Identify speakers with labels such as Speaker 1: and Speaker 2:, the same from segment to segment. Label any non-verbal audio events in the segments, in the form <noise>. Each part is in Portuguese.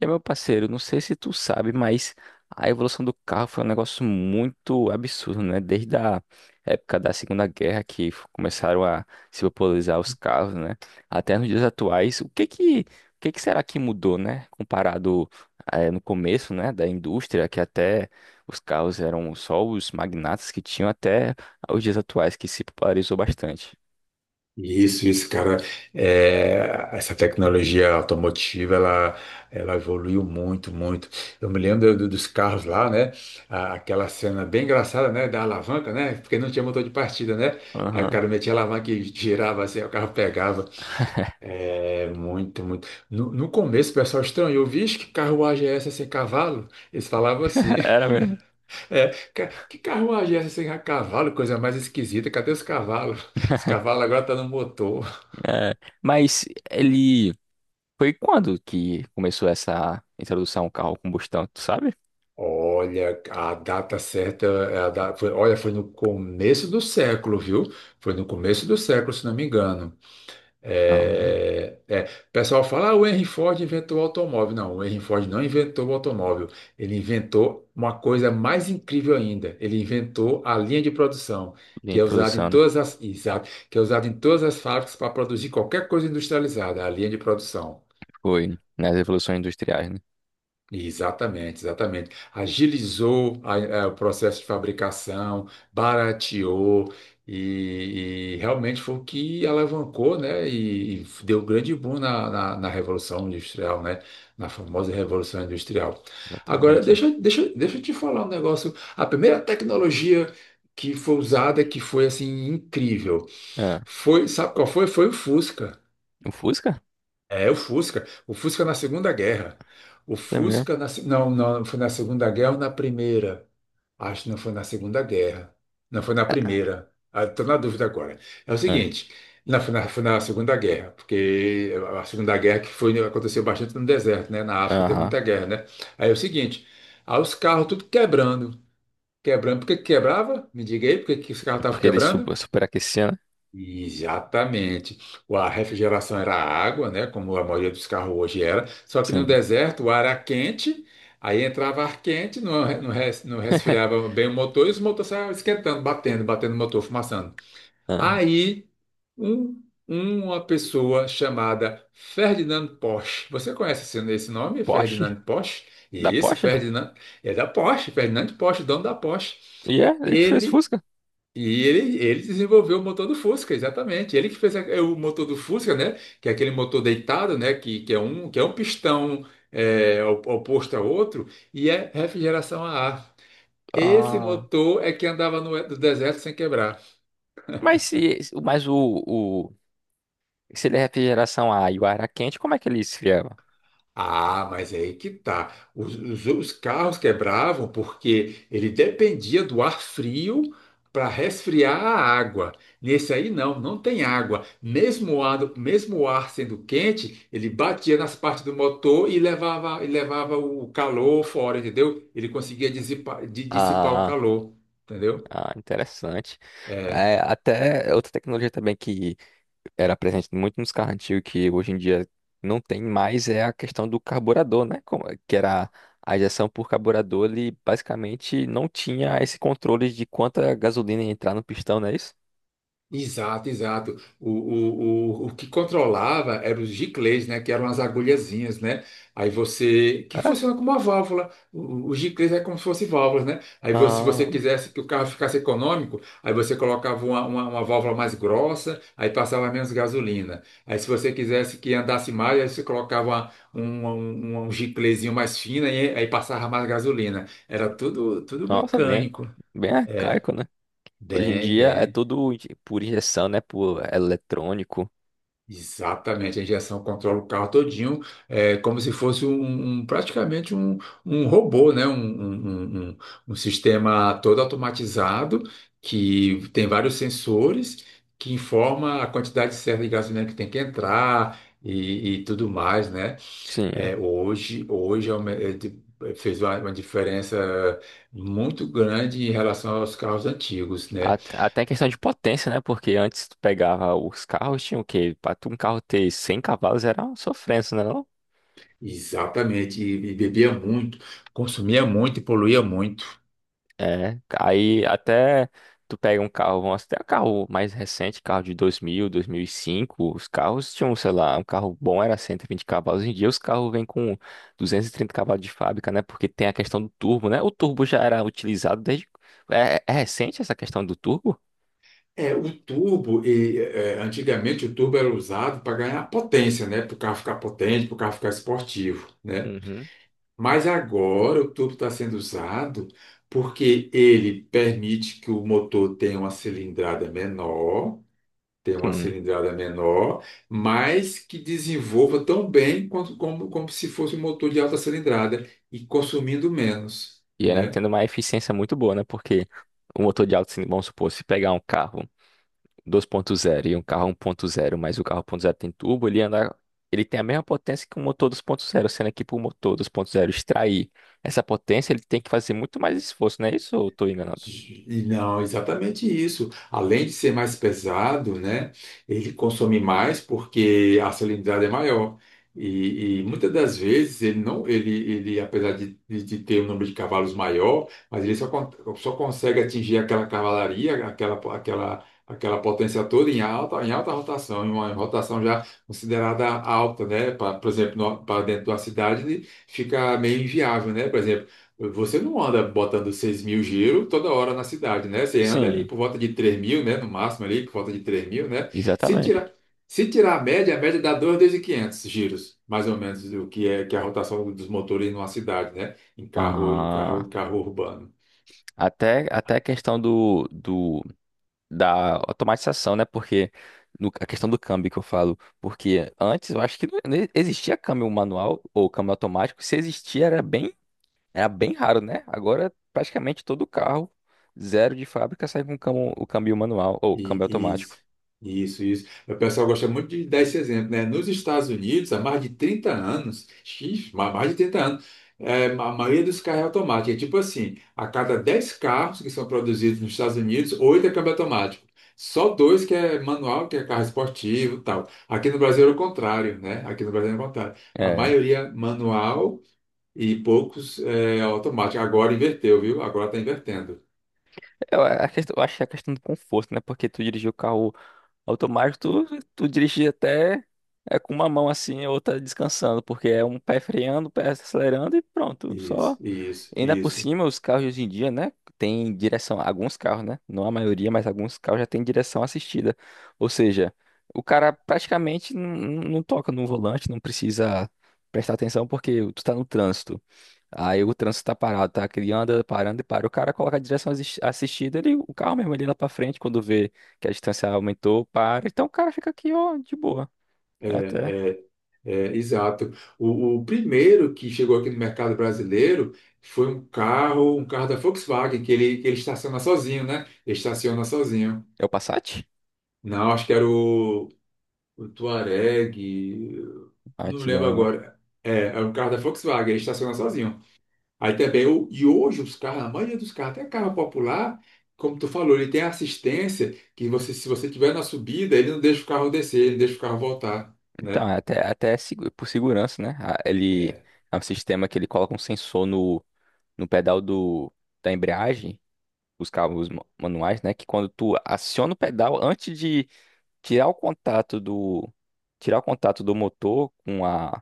Speaker 1: E, meu parceiro, não sei se tu sabe, mas a evolução do carro foi um negócio muito absurdo, né? Desde a época da Segunda Guerra que começaram a se popularizar os carros, né? Até nos dias atuais, o que que será que mudou, né? Comparado, no começo, né, da indústria, que até os carros eram só os magnatas que tinham até os dias atuais, que se popularizou bastante.
Speaker 2: Isso, cara. É, essa tecnologia automotiva, ela evoluiu muito, muito. Eu me lembro dos carros lá, né? Aquela cena bem engraçada, né? Da alavanca, né? Porque não tinha motor de partida, né? Aí o
Speaker 1: Aham.
Speaker 2: cara metia a alavanca e girava assim, aí o carro pegava. É, muito, muito. No começo o pessoal estranhou, vixe, que carruagem é essa sem cavalo? Eles falavam assim,
Speaker 1: <laughs> Era mesmo.
Speaker 2: <laughs> é, que carruagem é essa sem cavalo? Coisa mais esquisita, cadê os cavalos? Os cavalos agora estão no motor.
Speaker 1: É. Mas ele Foi quando que começou essa introdução ao carro a combustão, tu sabe?
Speaker 2: Olha, a data certa, é foi, olha, foi no começo do século, viu? Foi no começo do século, se não me engano.
Speaker 1: Não,
Speaker 2: É, o pessoal fala, ah, o Henry Ford inventou o automóvel. Não, o Henry Ford não inventou o automóvel. Ele inventou uma coisa mais incrível ainda. Ele inventou a linha de produção, que
Speaker 1: em
Speaker 2: é usada em
Speaker 1: produção, né?
Speaker 2: todas as, exato, que é usada em todas as fábricas para produzir qualquer coisa industrializada, a linha de produção.
Speaker 1: Foi nas revoluções industriais, né?
Speaker 2: Exatamente, exatamente. Agilizou o processo de fabricação, barateou e realmente foi o que alavancou, né? E deu grande boom na Revolução Industrial, né? Na famosa Revolução Industrial. Agora,
Speaker 1: Exatamente.
Speaker 2: deixa eu te falar um negócio. A primeira tecnologia que foi usada, que foi assim incrível,
Speaker 1: Ah,
Speaker 2: foi, sabe qual foi? Foi o Fusca.
Speaker 1: o Fusca?
Speaker 2: É, o Fusca. O Fusca na Segunda Guerra. O
Speaker 1: Foi mesmo.
Speaker 2: Fusca na... Não, não, foi na Segunda Guerra ou na Primeira? Acho que não foi na Segunda Guerra. Não, foi na Primeira. Estou na dúvida agora. É o
Speaker 1: Ah,
Speaker 2: seguinte, não, foi na Segunda Guerra, porque a Segunda Guerra que foi, aconteceu bastante no deserto, né? Na África teve
Speaker 1: aham.
Speaker 2: muita guerra, né? Aí é o seguinte, aí os carros tudo quebrando. Quebrando, por que que quebrava? Me diga aí, por que que os carros estavam
Speaker 1: Porque ele
Speaker 2: quebrando?
Speaker 1: superaquecia, né?
Speaker 2: Exatamente. A refrigeração era água, né? Como a maioria dos carros hoje era. Só que no
Speaker 1: Sim.
Speaker 2: deserto o ar era quente, aí entrava ar quente, não, não, não
Speaker 1: <laughs>
Speaker 2: resfriava bem o motor e os motores saiam esquentando, batendo, batendo o motor, fumaçando.
Speaker 1: Ah,
Speaker 2: Aí um- uma pessoa chamada Ferdinand Porsche. Você conhece esse nome,
Speaker 1: Porsche?
Speaker 2: Ferdinand Porsche?
Speaker 1: Da
Speaker 2: Isso,
Speaker 1: Porsche?
Speaker 2: Ferdinand. É da Porsche, Ferdinand Porsche, dono da Porsche.
Speaker 1: E é, ele que fez
Speaker 2: Ele
Speaker 1: Fusca.
Speaker 2: ele desenvolveu o motor do Fusca, exatamente. Ele que fez o motor do Fusca, né? Que é aquele motor deitado, né? Que é um pistão oposto ao outro e é refrigeração a ar. Esse
Speaker 1: Ah,
Speaker 2: motor é que andava no deserto sem quebrar.
Speaker 1: mas se, mas o, se ele é refrigeração a ar e o ar era quente, como é que ele esfriava?
Speaker 2: Ah, mas é aí que tá. Os carros quebravam porque ele dependia do ar frio para resfriar a água. Nesse aí não, não tem água. Mesmo o ar sendo quente, ele batia nas partes do motor e levava o calor fora, entendeu? Ele conseguia dissipar o
Speaker 1: Ah,
Speaker 2: calor, entendeu?
Speaker 1: ah, interessante.
Speaker 2: É.
Speaker 1: É, até outra tecnologia também que era presente muito nos carros antigos que hoje em dia não tem mais é a questão do carburador, né? É que era a injeção por carburador, ele basicamente não tinha esse controle de quanta gasolina ia entrar no pistão, não é isso?
Speaker 2: Exato, exato. O que controlava eram os giclês, né? Que eram as agulhazinhas, né? Aí você. Que
Speaker 1: É?
Speaker 2: funciona como uma válvula. Os giclês é como se fossem válvulas, né? Aí você, se você
Speaker 1: Ah,
Speaker 2: quisesse que o carro ficasse econômico, aí você colocava uma válvula mais grossa, aí passava menos gasolina. Aí se você quisesse que andasse mais, aí você colocava um, um giclezinho mais fino, aí passava mais gasolina. Era tudo, tudo
Speaker 1: nossa, bem,
Speaker 2: mecânico.
Speaker 1: bem arcaico, né? Hoje em
Speaker 2: Bem,
Speaker 1: dia é
Speaker 2: bem.
Speaker 1: tudo por injeção, né? Por eletrônico.
Speaker 2: Exatamente, a injeção controla o carro todinho, é como se fosse um, praticamente um robô, né? Um sistema todo automatizado que tem vários sensores que informa a quantidade certa de gasolina que tem que entrar e tudo mais, né?
Speaker 1: Sim.
Speaker 2: É, hoje é fez uma diferença muito grande em relação aos carros antigos, né?
Speaker 1: Até em questão de potência, né? Porque antes tu pegava os carros, tinha o quê? Pra tu um carro ter 100 cavalos era uma sofrência, né?
Speaker 2: Exatamente, e bebia muito, consumia muito e poluía muito.
Speaker 1: É, aí até tu pega um carro, vamos até um carro mais recente, carro de 2005 os carros tinham, sei lá, um carro bom era 120 cavalos, hoje em dia os carros vêm com 230 cavalos de fábrica, né, porque tem a questão do turbo, né, o turbo já era utilizado desde, é recente essa questão do turbo?
Speaker 2: É, o tubo antigamente o tubo era usado para ganhar potência, né? Para o carro ficar potente, para o carro ficar esportivo, né?
Speaker 1: Uhum.
Speaker 2: Mas agora o tubo está sendo usado porque ele permite que o motor tenha uma cilindrada menor, tenha uma
Speaker 1: Sim.
Speaker 2: cilindrada menor, mas que desenvolva tão bem quanto, como se fosse um motor de alta cilindrada e consumindo menos,
Speaker 1: E era
Speaker 2: né?
Speaker 1: tendo uma eficiência muito boa, né, porque o motor de alto, vamos supor, se pegar um carro, 2.0 e um carro 1.0, mas o carro 1.0 tem turbo, ele anda, ele tem a mesma potência que o motor 2.0, sendo que para o motor 2.0 extrair essa potência, ele tem que fazer muito mais esforço, não é isso? Ou eu estou enganado?
Speaker 2: E não, exatamente isso. Além de ser mais pesado, né, ele consome mais porque a salinidade é maior. E muitas das vezes ele não, ele apesar de ter um número de cavalos maior, mas ele só consegue atingir aquela cavalaria, aquela potência toda em alta rotação, em uma rotação já considerada alta, né? Por exemplo, para dentro de uma cidade ele fica meio inviável, né? Por exemplo, você não anda botando 6.000 giro toda hora na cidade, né? Você anda ali
Speaker 1: Sim.
Speaker 2: por volta de 3.000, né? No máximo ali, por volta de 3.000, né? Se
Speaker 1: Exatamente.
Speaker 2: tirar, se tirar a média dá 2.500 giros, mais ou menos, que é a rotação dos motores numa cidade, né? Em carro, em carro,
Speaker 1: Ah,
Speaker 2: em carro urbano.
Speaker 1: até a questão da automatização, né? Porque a questão do câmbio que eu falo, porque antes eu acho que não existia câmbio manual ou câmbio automático, se existia era bem raro, né? Agora praticamente todo carro zero de fábrica sai com o câmbio manual ou câmbio automático.
Speaker 2: Isso, isso, isso. O pessoal gosta muito de dar esse exemplo, né? Nos Estados Unidos, há mais de 30 anos, mais de 30 anos, é, a maioria dos carros é automático. É tipo assim, a cada 10 carros que são produzidos nos Estados Unidos, 8 é câmbio automático. Só dois que é manual, que é carro esportivo e tal. Aqui no Brasil é o contrário, né? Aqui no Brasil é o contrário. A
Speaker 1: É,
Speaker 2: maioria manual e poucos é, automático. Agora inverteu, viu? Agora está invertendo.
Speaker 1: eu acho que é a questão do conforto, né? Porque tu dirigir o carro automático, tu dirige até é com uma mão assim, a outra descansando, porque é um pé freando, o pé acelerando e pronto.
Speaker 2: Isso,
Speaker 1: Só
Speaker 2: isso,
Speaker 1: ainda por
Speaker 2: isso.
Speaker 1: cima, os carros de hoje em dia, né? Tem direção, alguns carros, né? Não a maioria, mas alguns carros já tem direção assistida. Ou seja, o cara praticamente não toca no volante, não precisa prestar atenção porque tu tá no trânsito. Aí o trânsito tá parado, tá? Que ele anda parando e para. O cara coloca a direção assistida, ele, o carro mesmo, ele lá pra frente quando vê que a distância aumentou para. Então o cara fica aqui, ó, de boa. Até.
Speaker 2: É, exato. O primeiro que chegou aqui no mercado brasileiro foi um carro, da Volkswagen, que ele estaciona sozinho, né? Ele estaciona sozinho.
Speaker 1: É o Passat?
Speaker 2: Não, acho que era o Touareg,
Speaker 1: A
Speaker 2: não lembro
Speaker 1: antiga, né?
Speaker 2: agora. É, é um carro da Volkswagen, ele estaciona sozinho. Aí também, e hoje os carros, a maioria dos carros, até carro popular, como tu falou, ele tem assistência que você, se você tiver na subida, ele não deixa o carro descer, ele deixa o carro voltar,
Speaker 1: Então,
Speaker 2: né?
Speaker 1: é até por segurança, né? Ele
Speaker 2: É,
Speaker 1: é um sistema que ele coloca um sensor no pedal da embreagem, os carros manuais, né? Que quando tu aciona o pedal, antes de tirar o contato do, tirar o contato do motor com a.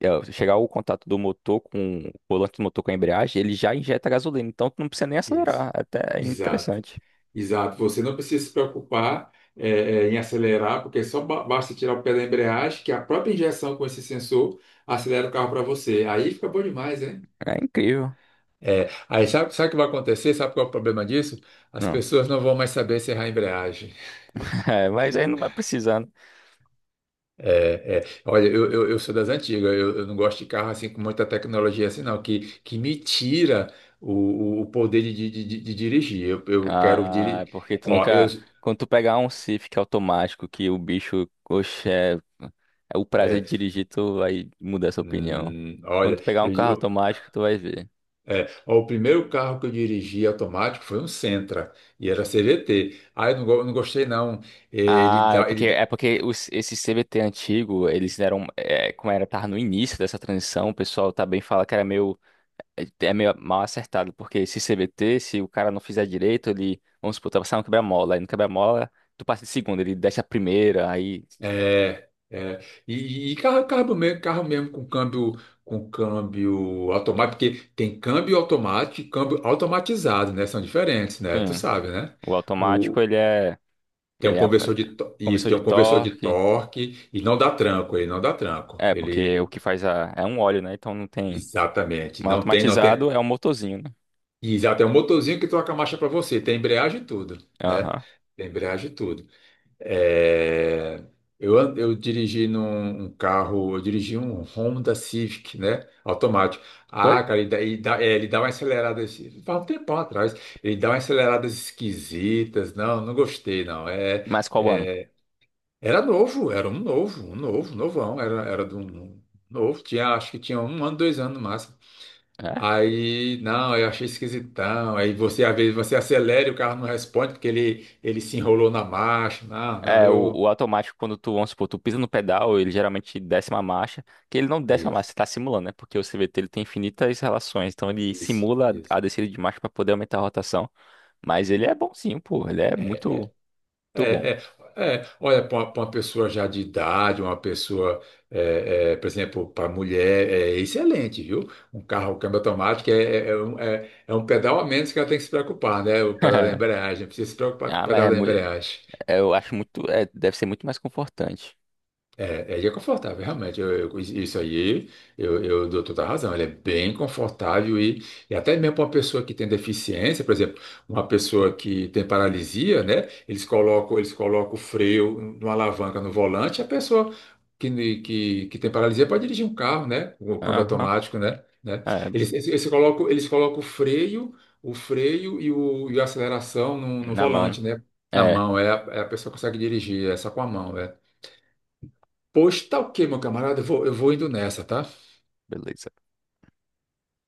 Speaker 1: Chegar o contato do motor com o volante do motor com a embreagem, ele já injeta gasolina, então tu não precisa nem
Speaker 2: isso.
Speaker 1: acelerar. Até é
Speaker 2: Exato.
Speaker 1: interessante.
Speaker 2: Exato, você não precisa se preocupar em acelerar, porque basta tirar o pé da embreagem, que a própria injeção com esse sensor acelera o carro para você. Aí fica bom demais, hein?
Speaker 1: É incrível.
Speaker 2: É, aí sabe o que vai acontecer? Sabe qual é o problema disso? As
Speaker 1: Não. <laughs>
Speaker 2: pessoas não vão mais saber serrar a embreagem.
Speaker 1: É, mas aí não vai precisando.
Speaker 2: É, é. Olha, eu sou das antigas, eu não gosto de carro assim com muita tecnologia assim, não, que me tira o, o poder de dirigir. Eu quero
Speaker 1: Ah, é
Speaker 2: dirigir.
Speaker 1: porque tu
Speaker 2: Ó, eu.
Speaker 1: nunca. Quando tu pegar um Civic automático que o bicho, oxe, é o prazer de
Speaker 2: É,
Speaker 1: dirigir, tu vai mudar essa opinião. Quando
Speaker 2: olha,
Speaker 1: tu pegar um carro automático, tu vai ver.
Speaker 2: é, ó, o primeiro carro que eu dirigi automático foi um Sentra, e era CVT. Ah, eu não, não gostei não.
Speaker 1: Ah, é
Speaker 2: Ele
Speaker 1: porque,
Speaker 2: dá-
Speaker 1: é porque esse CVT antigo, eles eram, como era, tava no início dessa transição, o pessoal também fala que era meio, é é meio mal acertado, porque esse CVT, se o cara não fizer direito, ele, vamos supor, tá passando um quebra-mola, aí no quebra-mola, tu passa de segunda, ele desce a primeira, aí
Speaker 2: é, é. E carro mesmo com câmbio, automático, porque tem câmbio automático e câmbio automatizado, né? São diferentes, né? Tu
Speaker 1: Sim,
Speaker 2: sabe, né?
Speaker 1: o automático
Speaker 2: O,
Speaker 1: ele é,
Speaker 2: Tem um
Speaker 1: ele é a-
Speaker 2: conversor isso,
Speaker 1: conversor
Speaker 2: tem
Speaker 1: de
Speaker 2: um conversor de
Speaker 1: torque.
Speaker 2: torque e não dá tranco, ele não dá tranco.
Speaker 1: É, porque o
Speaker 2: Ele
Speaker 1: que faz é um óleo, né? Então não tem.
Speaker 2: exatamente,
Speaker 1: Um
Speaker 2: não tem.
Speaker 1: automatizado é um motorzinho, né?
Speaker 2: E já tem um motorzinho que troca a marcha para você, tem embreagem e tudo, né?
Speaker 1: Aham.
Speaker 2: Tem embreagem e tudo. É, Eu dirigi um Honda Civic, né? Automático.
Speaker 1: Oi?
Speaker 2: Ah, cara, ele dá uma acelerada, assim, faz um tempão atrás, ele dá umas aceleradas esquisitas. Não, não gostei, não.
Speaker 1: Mas qual ano?
Speaker 2: É, Era novo, era um novo, novão, era de um novo, tinha, acho que tinha 1 ano, 2 anos no máximo.
Speaker 1: É,
Speaker 2: Aí, não, eu achei esquisitão. Aí você, às vezes, você acelera e o carro não responde porque ele se enrolou na marcha. Não, não,
Speaker 1: é o,
Speaker 2: eu.
Speaker 1: o automático, quando tu, vamos supor, tu pisa no pedal, ele geralmente desce uma marcha, que ele não desce uma
Speaker 2: Isso,
Speaker 1: marcha, você tá simulando, né? Porque o CVT ele tem infinitas relações, então ele
Speaker 2: isso,
Speaker 1: simula
Speaker 2: isso.
Speaker 1: a descida de marcha pra poder aumentar a rotação. Mas ele é bonzinho, pô, ele é muito, muito bom.
Speaker 2: É, é, é. Olha, pra uma pessoa já de idade, uma pessoa, por exemplo, para mulher, é excelente, viu? Um carro um câmbio automático é um pedal a menos que ela tem que se preocupar, né? O pedal da
Speaker 1: <laughs>
Speaker 2: embreagem, não precisa se preocupar com o
Speaker 1: Ah,
Speaker 2: pedal da embreagem.
Speaker 1: É, eu acho muito. Deve ser muito mais confortante.
Speaker 2: É, ele é confortável, realmente. Isso aí, eu dou toda a razão. Ele é bem confortável e até mesmo para uma pessoa que tem deficiência, por exemplo, uma pessoa que tem paralisia, né? Eles colocam o freio numa alavanca no volante, a pessoa que tem paralisia pode dirigir um carro, né? Com o câmbio
Speaker 1: Aham.
Speaker 2: automático, né?
Speaker 1: É,
Speaker 2: Eles colocam o freio, o freio e a aceleração no
Speaker 1: na mão, né?
Speaker 2: volante, né? Na
Speaker 1: É,
Speaker 2: mão, é a pessoa que consegue dirigir, é só com a mão, é. Pois tá o quê, meu camarada? Eu vou indo nessa, tá?
Speaker 1: beleza.